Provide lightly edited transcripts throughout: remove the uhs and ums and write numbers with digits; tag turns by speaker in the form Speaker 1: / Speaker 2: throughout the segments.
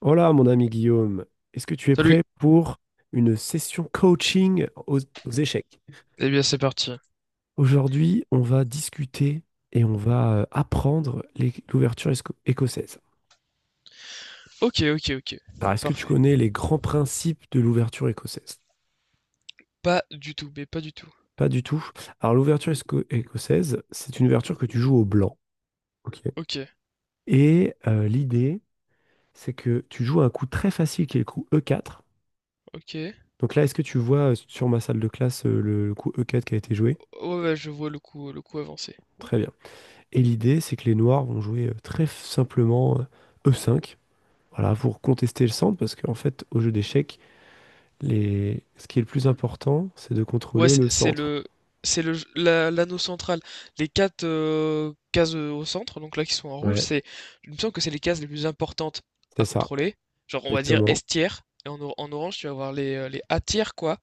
Speaker 1: Hola mon ami Guillaume, est-ce que tu es
Speaker 2: Salut.
Speaker 1: prêt pour une session coaching aux échecs?
Speaker 2: Eh bien, c'est parti.
Speaker 1: Aujourd'hui, on va discuter et on va apprendre l'ouverture écossaise.
Speaker 2: Ok, ok, ok.
Speaker 1: Alors, est-ce que tu
Speaker 2: Parfait.
Speaker 1: connais les grands principes de l'ouverture écossaise?
Speaker 2: Pas du tout, mais pas du tout.
Speaker 1: Pas du tout. Alors, l'ouverture écossaise, c'est une ouverture que tu joues au blanc. Ok.
Speaker 2: Ok,
Speaker 1: Et l'idée, c'est que tu joues un coup très facile qui est le coup E4.
Speaker 2: ok.
Speaker 1: Donc là, est-ce que tu vois sur ma salle de classe le coup E4 qui a été joué?
Speaker 2: Oh, ouais, je vois le coup avancé.
Speaker 1: Très bien. Et l'idée, c'est que les noirs vont jouer très simplement E5, voilà, pour contester le centre, parce qu'en fait, au jeu d'échecs, ce qui est le plus important, c'est de
Speaker 2: Ouais,
Speaker 1: contrôler
Speaker 2: c'est
Speaker 1: le
Speaker 2: c'est
Speaker 1: centre.
Speaker 2: le, c'est le, l'anneau central. Les quatre cases au centre, donc là qui sont en rouge,
Speaker 1: Ouais,
Speaker 2: c'est, je me sens que c'est les cases les plus importantes
Speaker 1: c'est
Speaker 2: à
Speaker 1: ça,
Speaker 2: contrôler. Genre, on va dire
Speaker 1: exactement,
Speaker 2: S tiers. Et en, en orange, tu vas avoir les A tiers, quoi.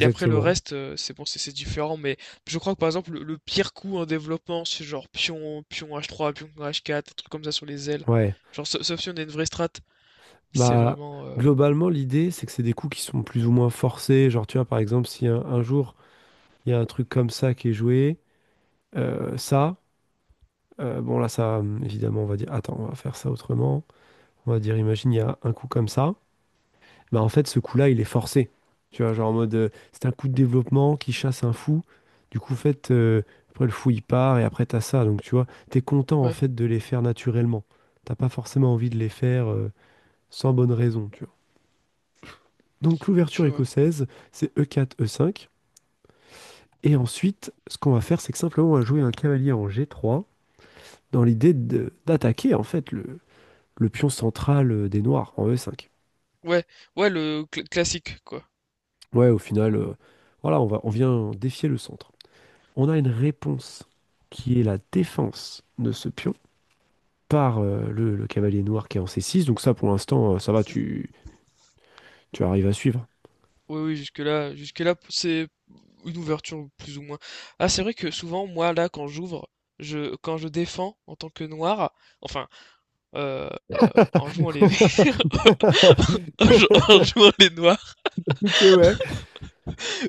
Speaker 2: Et après le reste, c'est bon, c'est différent, mais je crois que par exemple le pire coup en développement, c'est genre pion H3, pion H4, des trucs comme ça sur les ailes.
Speaker 1: Ouais,
Speaker 2: Genre sauf si on a une vraie strat. C'est
Speaker 1: bah,
Speaker 2: vraiment,
Speaker 1: globalement, l'idée, c'est que c'est des coups qui sont plus ou moins forcés. Genre, tu vois, par exemple, si un jour, il y a un truc comme ça qui est joué, euh, ça, bon, là, ça, évidemment, on va dire, attends, on va faire ça autrement. On va dire, imagine, il y a un coup comme ça. Bah en fait, ce coup-là, il est forcé. Tu vois, genre en mode, c'est un coup de développement qui chasse un fou. Du coup, en fait, après le fou, il part et après, t'as ça. Donc, tu vois, t'es content en
Speaker 2: ouais,
Speaker 1: fait de les faire naturellement. T'as pas forcément envie de les faire sans bonne raison, tu vois. Donc, l'ouverture
Speaker 2: tu vois.
Speaker 1: écossaise, c'est E4, E5. Et ensuite, ce qu'on va faire, c'est que simplement, on va jouer un cavalier en G3 dans l'idée d'attaquer en fait le pion central des noirs en E5.
Speaker 2: Ouais, ouais le classique quoi.
Speaker 1: Ouais, au final, voilà, on vient défier le centre. On a une réponse qui est la défense de ce pion par le cavalier noir qui est en c six. Donc ça, pour l'instant, ça va, tu arrives à suivre.
Speaker 2: Oui, oui, jusque-là, jusque-là c'est une ouverture plus ou moins. Ah c'est vrai que souvent moi là quand j'ouvre, je quand je défends en tant que noir, enfin, heu, en jouant les en jouant les noirs,
Speaker 1: Ok, ouais.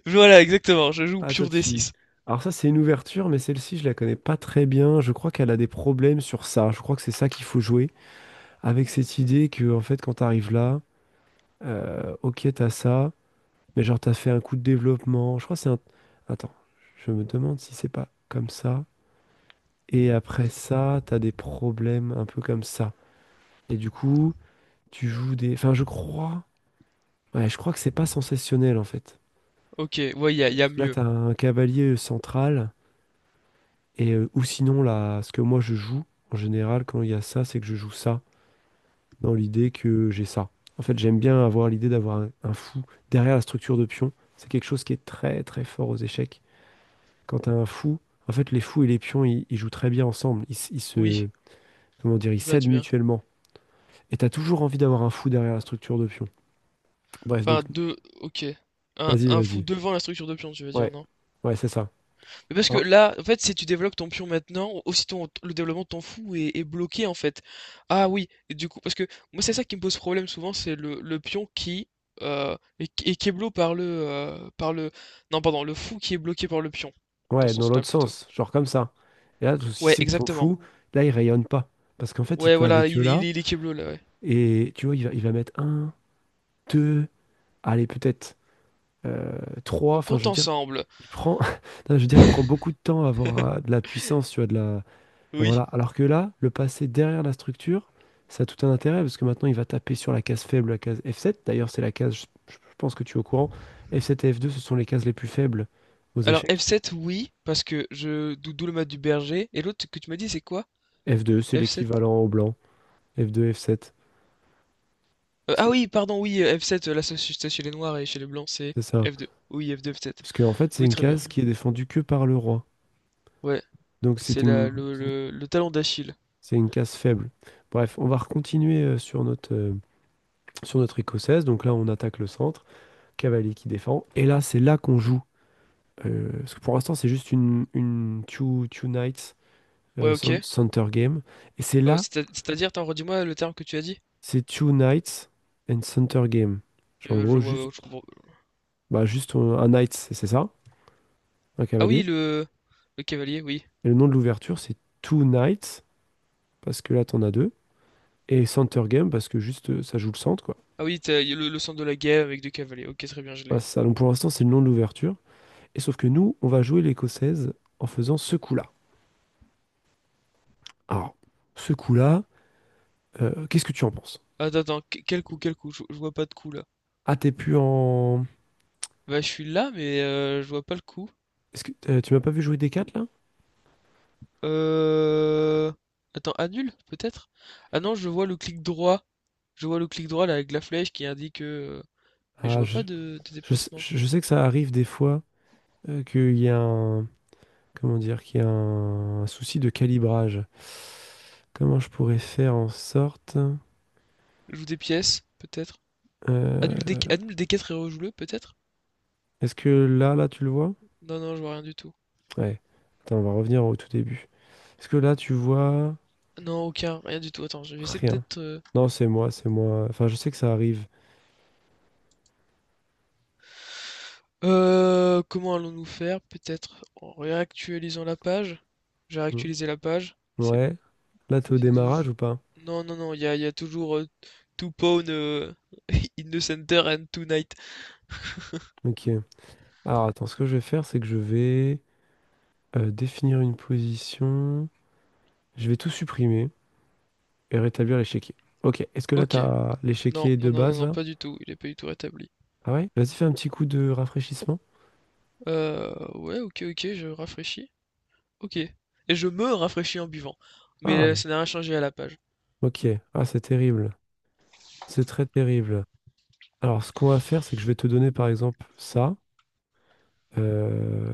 Speaker 2: voilà exactement, je joue
Speaker 1: Attends,
Speaker 2: pure
Speaker 1: tu...
Speaker 2: D6.
Speaker 1: Alors ça, c'est une ouverture, mais celle-ci, je la connais pas très bien. Je crois qu'elle a des problèmes sur ça. Je crois que c'est ça qu'il faut jouer. Avec cette idée que, en fait, quand t'arrives là, ok, t'as ça, mais genre, t'as fait un coup de développement. Je crois que c'est un... Attends, je me demande si c'est pas comme ça. Et après ça, t'as des problèmes un peu comme ça. Et du coup, tu joues des... Enfin, je crois... Ouais, je crois que c'est pas sensationnel, en fait.
Speaker 2: OK, ouais, il y a, y a
Speaker 1: Parce que là,
Speaker 2: mieux.
Speaker 1: t'as un cavalier central, et ou sinon, là, ce que moi, je joue, en général, quand il y a ça, c'est que je joue ça, dans l'idée que j'ai ça. En fait, j'aime bien avoir l'idée d'avoir un fou derrière la structure de pion. C'est quelque chose qui est très, très fort aux échecs. Quand t'as un fou, en fait, les fous et les pions, ils jouent très bien ensemble. Ils
Speaker 2: Oui,
Speaker 1: se... Comment dire? Ils
Speaker 2: il match
Speaker 1: s'aident
Speaker 2: bien.
Speaker 1: mutuellement. Et t'as toujours envie d'avoir un fou derrière la structure de pion. Bref, donc,
Speaker 2: Enfin, deux, ok.
Speaker 1: vas-y,
Speaker 2: Un fou
Speaker 1: vas-y.
Speaker 2: devant la structure de pion, tu veux dire,
Speaker 1: Ouais,
Speaker 2: non?
Speaker 1: ouais, c'est ça.
Speaker 2: Mais parce que
Speaker 1: Hein
Speaker 2: là, en fait, si tu développes ton pion maintenant, aussi ton, le développement de ton fou est, est bloqué, en fait. Ah oui, et du coup, parce que moi, c'est ça qui me pose problème souvent, c'est le pion qui est, est qui bloqué par le... Non, pardon, le fou qui est bloqué par le pion, dans
Speaker 1: ouais,
Speaker 2: ce
Speaker 1: dans
Speaker 2: sens-là,
Speaker 1: l'autre
Speaker 2: plutôt.
Speaker 1: sens, genre comme ça. Et là, le souci,
Speaker 2: Ouais,
Speaker 1: c'est que ton
Speaker 2: exactement.
Speaker 1: fou, là, il rayonne pas. Parce qu'en fait, il
Speaker 2: Ouais,
Speaker 1: peut aller
Speaker 2: voilà,
Speaker 1: que
Speaker 2: il, il
Speaker 1: là.
Speaker 2: est l'équipe bleue là, ouais.
Speaker 1: Et tu vois, il va mettre un, deux, allez, peut-être euh, trois.
Speaker 2: On
Speaker 1: Enfin, je
Speaker 2: compte
Speaker 1: veux dire,
Speaker 2: ensemble.
Speaker 1: il prend, non, je veux dire, il prend beaucoup de temps à avoir de la puissance, tu vois, voilà.
Speaker 2: Oui.
Speaker 1: Alors que là, le passer derrière la structure, ça a tout un intérêt parce que maintenant, il va taper sur la case faible, la case F7. D'ailleurs, c'est la case, je pense que tu es au courant. F7 et F2, ce sont les cases les plus faibles aux
Speaker 2: Alors
Speaker 1: échecs.
Speaker 2: F7, oui, parce que d'où le mat du berger. Et l'autre que tu m'as dit, c'est quoi?
Speaker 1: F2, c'est
Speaker 2: F7.
Speaker 1: l'équivalent au blanc. F2, F7. Est-ce que
Speaker 2: Ah
Speaker 1: t-
Speaker 2: oui, pardon, oui, F7, la société chez les noirs et chez les blancs, c'est
Speaker 1: c'est ça?
Speaker 2: F2. Oui, F2, F7.
Speaker 1: Parce que, en fait, c'est
Speaker 2: Oui,
Speaker 1: une
Speaker 2: très bien.
Speaker 1: case qui est défendue que par le roi.
Speaker 2: Ouais,
Speaker 1: Donc,
Speaker 2: c'est la, le talon d'Achille.
Speaker 1: c'est une case faible. Bref, on va continuer sur sur notre écossaise. Donc là, on attaque le centre. Cavalier qui défend. Et là, c'est là qu'on joue. Parce que pour l'instant, c'est juste une two nights
Speaker 2: Ouais, ok.
Speaker 1: center game. Et c'est là,
Speaker 2: C'est-à-dire, attends, redis-moi le terme que tu as dit.
Speaker 1: c'est two nights and center game. Genre, en gros,
Speaker 2: Ouais, ouais, je
Speaker 1: juste,
Speaker 2: comprends.
Speaker 1: bah, juste un knight, c'est ça, un
Speaker 2: Ah oui,
Speaker 1: cavalier.
Speaker 2: le cavalier, oui.
Speaker 1: Et le nom de l'ouverture, c'est two knights, parce que là, t'en as deux. Et center game, parce que juste, ça joue le centre, quoi.
Speaker 2: Ah oui, y a le centre de la guerre avec deux cavaliers. Ok, très bien, je
Speaker 1: Voilà,
Speaker 2: l'ai.
Speaker 1: c'est ça. Donc pour l'instant, c'est le nom de l'ouverture. Et sauf que nous, on va jouer l'écossaise en faisant ce coup-là. Alors, ce coup-là, qu'est-ce que tu en penses?
Speaker 2: Attends, attends, quel coup, quel coup? Je vois pas de coup là.
Speaker 1: Ah, t'es plus en...
Speaker 2: Bah, je suis là, mais je vois pas le coup.
Speaker 1: Est-ce que, tu m'as pas vu jouer d quatre là?
Speaker 2: Euh... Attends, annule, peut-être? Ah non, je vois le clic droit. Je vois le clic droit là avec la flèche qui indique mais je
Speaker 1: Ah,
Speaker 2: vois
Speaker 1: je,
Speaker 2: pas de, de déplacement.
Speaker 1: je sais que ça arrive des fois qu'il y a comment dire, qu'il y a un, souci de calibrage. Comment je pourrais faire en sorte...
Speaker 2: Joue des pièces, peut-être.
Speaker 1: euh,
Speaker 2: Annule des 4 et rejoue-le, peut-être?
Speaker 1: est-ce que là, tu le vois?
Speaker 2: Non, non, je vois rien du tout.
Speaker 1: Ouais. Attends, on va revenir au tout début. Est-ce que là, tu vois
Speaker 2: Non, aucun, rien du tout. Attends, je vais essayer
Speaker 1: rien?
Speaker 2: peut-être.
Speaker 1: Non, c'est moi, c'est moi. Enfin, je sais que ça arrive.
Speaker 2: Comment allons-nous faire? Peut-être en réactualisant la page. J'ai
Speaker 1: Hmm.
Speaker 2: réactualisé la page.
Speaker 1: Ouais. Là, t'es au
Speaker 2: C'est
Speaker 1: démarrage
Speaker 2: toujours...
Speaker 1: ou pas?
Speaker 2: Non, non, non, il y a toujours to pawn in the center and tonight.
Speaker 1: Ok. Alors, attends, ce que je vais faire, c'est que je vais définir une position. Je vais tout supprimer. Et rétablir l'échiquier. Ok. Est-ce que là,
Speaker 2: Ok.
Speaker 1: t'as
Speaker 2: Non,
Speaker 1: l'échiquier
Speaker 2: non,
Speaker 1: de
Speaker 2: non, non,
Speaker 1: base,
Speaker 2: non,
Speaker 1: là?
Speaker 2: pas du tout. Il est pas du tout rétabli.
Speaker 1: Ah ouais? Vas-y, fais un petit coup de rafraîchissement.
Speaker 2: Ouais, ok, ok, je rafraîchis. Ok. Et je me rafraîchis en buvant. Mais
Speaker 1: Ah,
Speaker 2: ça n'a rien changé à la page.
Speaker 1: ok. Ah, c'est terrible. C'est très terrible. Alors, ce qu'on va faire, c'est que je vais te donner, par exemple, ça. Euh,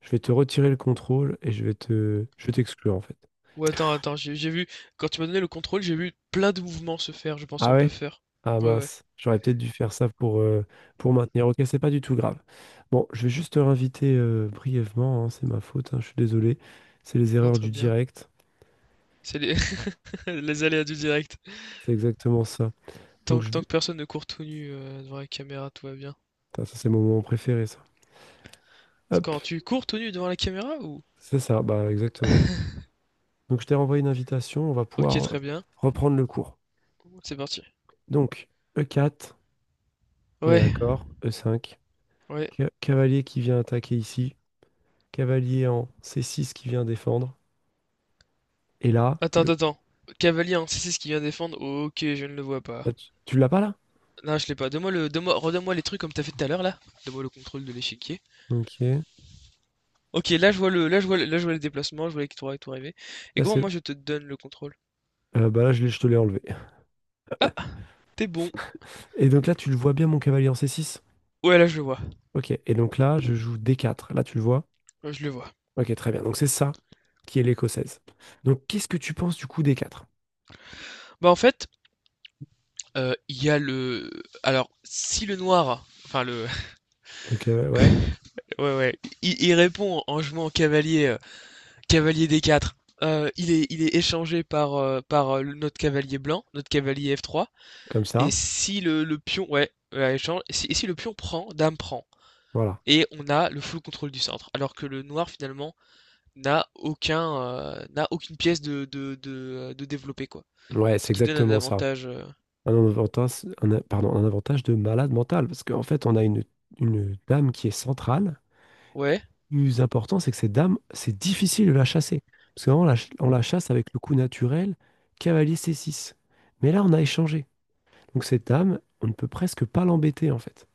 Speaker 1: Je vais te retirer le contrôle et je vais te... Je vais t'exclure, en fait.
Speaker 2: Ouais, attends, attends, j'ai vu... Quand tu m'as donné le contrôle, j'ai vu plein de mouvements se faire, je pense
Speaker 1: Ah
Speaker 2: en
Speaker 1: ouais?
Speaker 2: buffer.
Speaker 1: Ah
Speaker 2: Ouais, ouais.
Speaker 1: mince. J'aurais peut-être dû faire ça pour maintenir. Ok, c'est pas du tout grave. Bon, je vais juste te réinviter brièvement. Hein, c'est ma faute. Hein, je suis désolé. C'est les
Speaker 2: Non,
Speaker 1: erreurs
Speaker 2: très
Speaker 1: du
Speaker 2: bien.
Speaker 1: direct.
Speaker 2: C'est les... Les aléas du direct.
Speaker 1: C'est exactement ça. Donc,
Speaker 2: Tant,
Speaker 1: je
Speaker 2: tant que personne ne court tout nu devant la caméra, tout va bien.
Speaker 1: Putain, ça, c'est mon moment préféré, ça. Hop,
Speaker 2: Quand tu cours tout nu devant la caméra ou...
Speaker 1: c'est ça, bah exactement. Donc, je t'ai renvoyé une invitation, on va
Speaker 2: Ok,
Speaker 1: pouvoir
Speaker 2: très bien.
Speaker 1: reprendre le cours.
Speaker 2: C'est parti.
Speaker 1: Donc, E4, on est
Speaker 2: Ouais,
Speaker 1: d'accord, E5,
Speaker 2: ouais.
Speaker 1: cavalier qui vient attaquer ici, cavalier en C6 qui vient défendre, et là,
Speaker 2: Attends, attends,
Speaker 1: le...
Speaker 2: attends. Cavalier, hein, c'est ce qui vient défendre. Ok, je ne le vois
Speaker 1: là,
Speaker 2: pas.
Speaker 1: tu tu l'as pas là?
Speaker 2: Non, je l'ai pas. Donne-moi le, donne-moi, redonne-moi les trucs comme t'as fait tout à l'heure là. Donne-moi le contrôle de l'échiquier.
Speaker 1: Ok, là
Speaker 2: Ok, là je vois le, là je vois, là je vois les déplacements, je vois les trois et tout arriver. Et comment
Speaker 1: c'est...
Speaker 2: moi je te donne le contrôle?
Speaker 1: bah là, je te l'ai enlevé.
Speaker 2: Ah, t'es bon.
Speaker 1: Et donc là, tu le vois bien, mon cavalier en C6?
Speaker 2: Ouais, là je le vois.
Speaker 1: Ok, et donc là, je joue D4, là, tu le vois?
Speaker 2: Ouais, je le vois.
Speaker 1: Ok, très bien, donc c'est ça qui est l'écossaise. Donc, qu'est-ce que tu penses du coup D4?
Speaker 2: Bah en fait, il y a le. Alors, si le noir, enfin le,
Speaker 1: Le cavalier, ouais.
Speaker 2: ouais, ouais. Il répond en jouant en cavalier, cavalier des 4. Il est échangé par, par notre cavalier blanc, notre cavalier F3.
Speaker 1: Comme
Speaker 2: Et
Speaker 1: ça.
Speaker 2: si le, le pion, ouais, ouais, échange. Et si le pion prend, dame prend.
Speaker 1: Voilà.
Speaker 2: Et on a le full contrôle du centre. Alors que le noir, finalement, n'a aucun, n'a aucune pièce de développer, quoi.
Speaker 1: Ouais, c'est
Speaker 2: Ce qui donne un
Speaker 1: exactement ça.
Speaker 2: avantage.
Speaker 1: Un avantage, pardon, un avantage de malade mental. Parce qu'en fait, on a une dame qui est centrale. Et le
Speaker 2: Ouais.
Speaker 1: plus important, c'est que cette dame, c'est difficile de la chasser. Parce qu'avant, on la chasse avec le coup naturel, cavalier c six. Mais là, on a échangé. Donc cette dame, on ne peut presque pas l'embêter, en fait.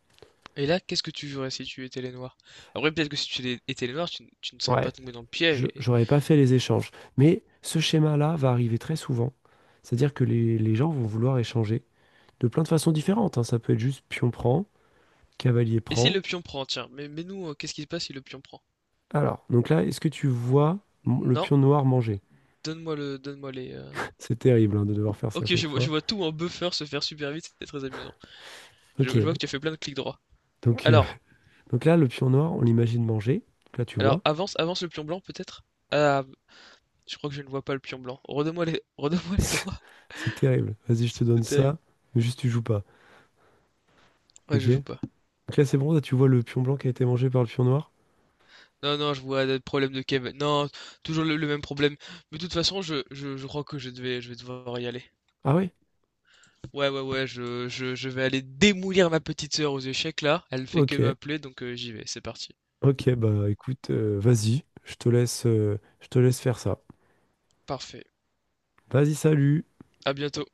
Speaker 2: Et là, qu'est-ce que tu jouerais si tu étais les noirs? Après, peut-être que si tu étais les noirs, tu, tu ne serais pas
Speaker 1: Ouais,
Speaker 2: tombé dans le piège.
Speaker 1: j'aurais pas fait les échanges. Mais ce schéma-là va arriver très souvent. C'est-à-dire que les gens vont vouloir échanger de plein de façons différentes. Hein. Ça peut être juste pion-prend. Cavalier
Speaker 2: Et si
Speaker 1: prend.
Speaker 2: le pion prend, tiens, mais nous, qu'est-ce qui se passe si le pion prend?
Speaker 1: Alors, donc là, est-ce que tu vois le
Speaker 2: Non,
Speaker 1: pion noir manger?
Speaker 2: donne-moi le, donne-moi les.
Speaker 1: C'est terrible hein, de devoir faire ça à
Speaker 2: Ok,
Speaker 1: chaque fois.
Speaker 2: je vois tout en buffer se faire super vite, c'était très amusant.
Speaker 1: Ok,
Speaker 2: Je vois que tu as fait plein de clics droits.
Speaker 1: donc, euh,
Speaker 2: Alors,
Speaker 1: donc là, le pion noir, on l'imagine manger. Donc là, tu vois.
Speaker 2: alors avance, avance le pion blanc peut-être? Ah, je crois que je ne vois pas le pion blanc. Redonne-moi les, redonne-moi les droits,
Speaker 1: C'est terrible. Vas-y, je te donne
Speaker 2: c'est terrible.
Speaker 1: ça, mais juste tu joues pas.
Speaker 2: Ouais,
Speaker 1: Ok?
Speaker 2: je joue pas.
Speaker 1: Donc là, c'est bon, là, tu vois le pion blanc qui a été mangé par le pion noir?
Speaker 2: Non, non, je vois le problèmes de Kev. Non, toujours le même problème. Mais de toute façon, je crois que je devais, je vais devoir y aller.
Speaker 1: Ah oui?
Speaker 2: Ouais, ouais, ouais, je vais aller démolir ma petite sœur aux échecs là. Elle fait que
Speaker 1: Ok,
Speaker 2: m'appeler, donc j'y vais, c'est parti.
Speaker 1: ok, bah écoute, vas-y, je te laisse faire ça.
Speaker 2: Parfait.
Speaker 1: Vas-y, salut!
Speaker 2: À bientôt.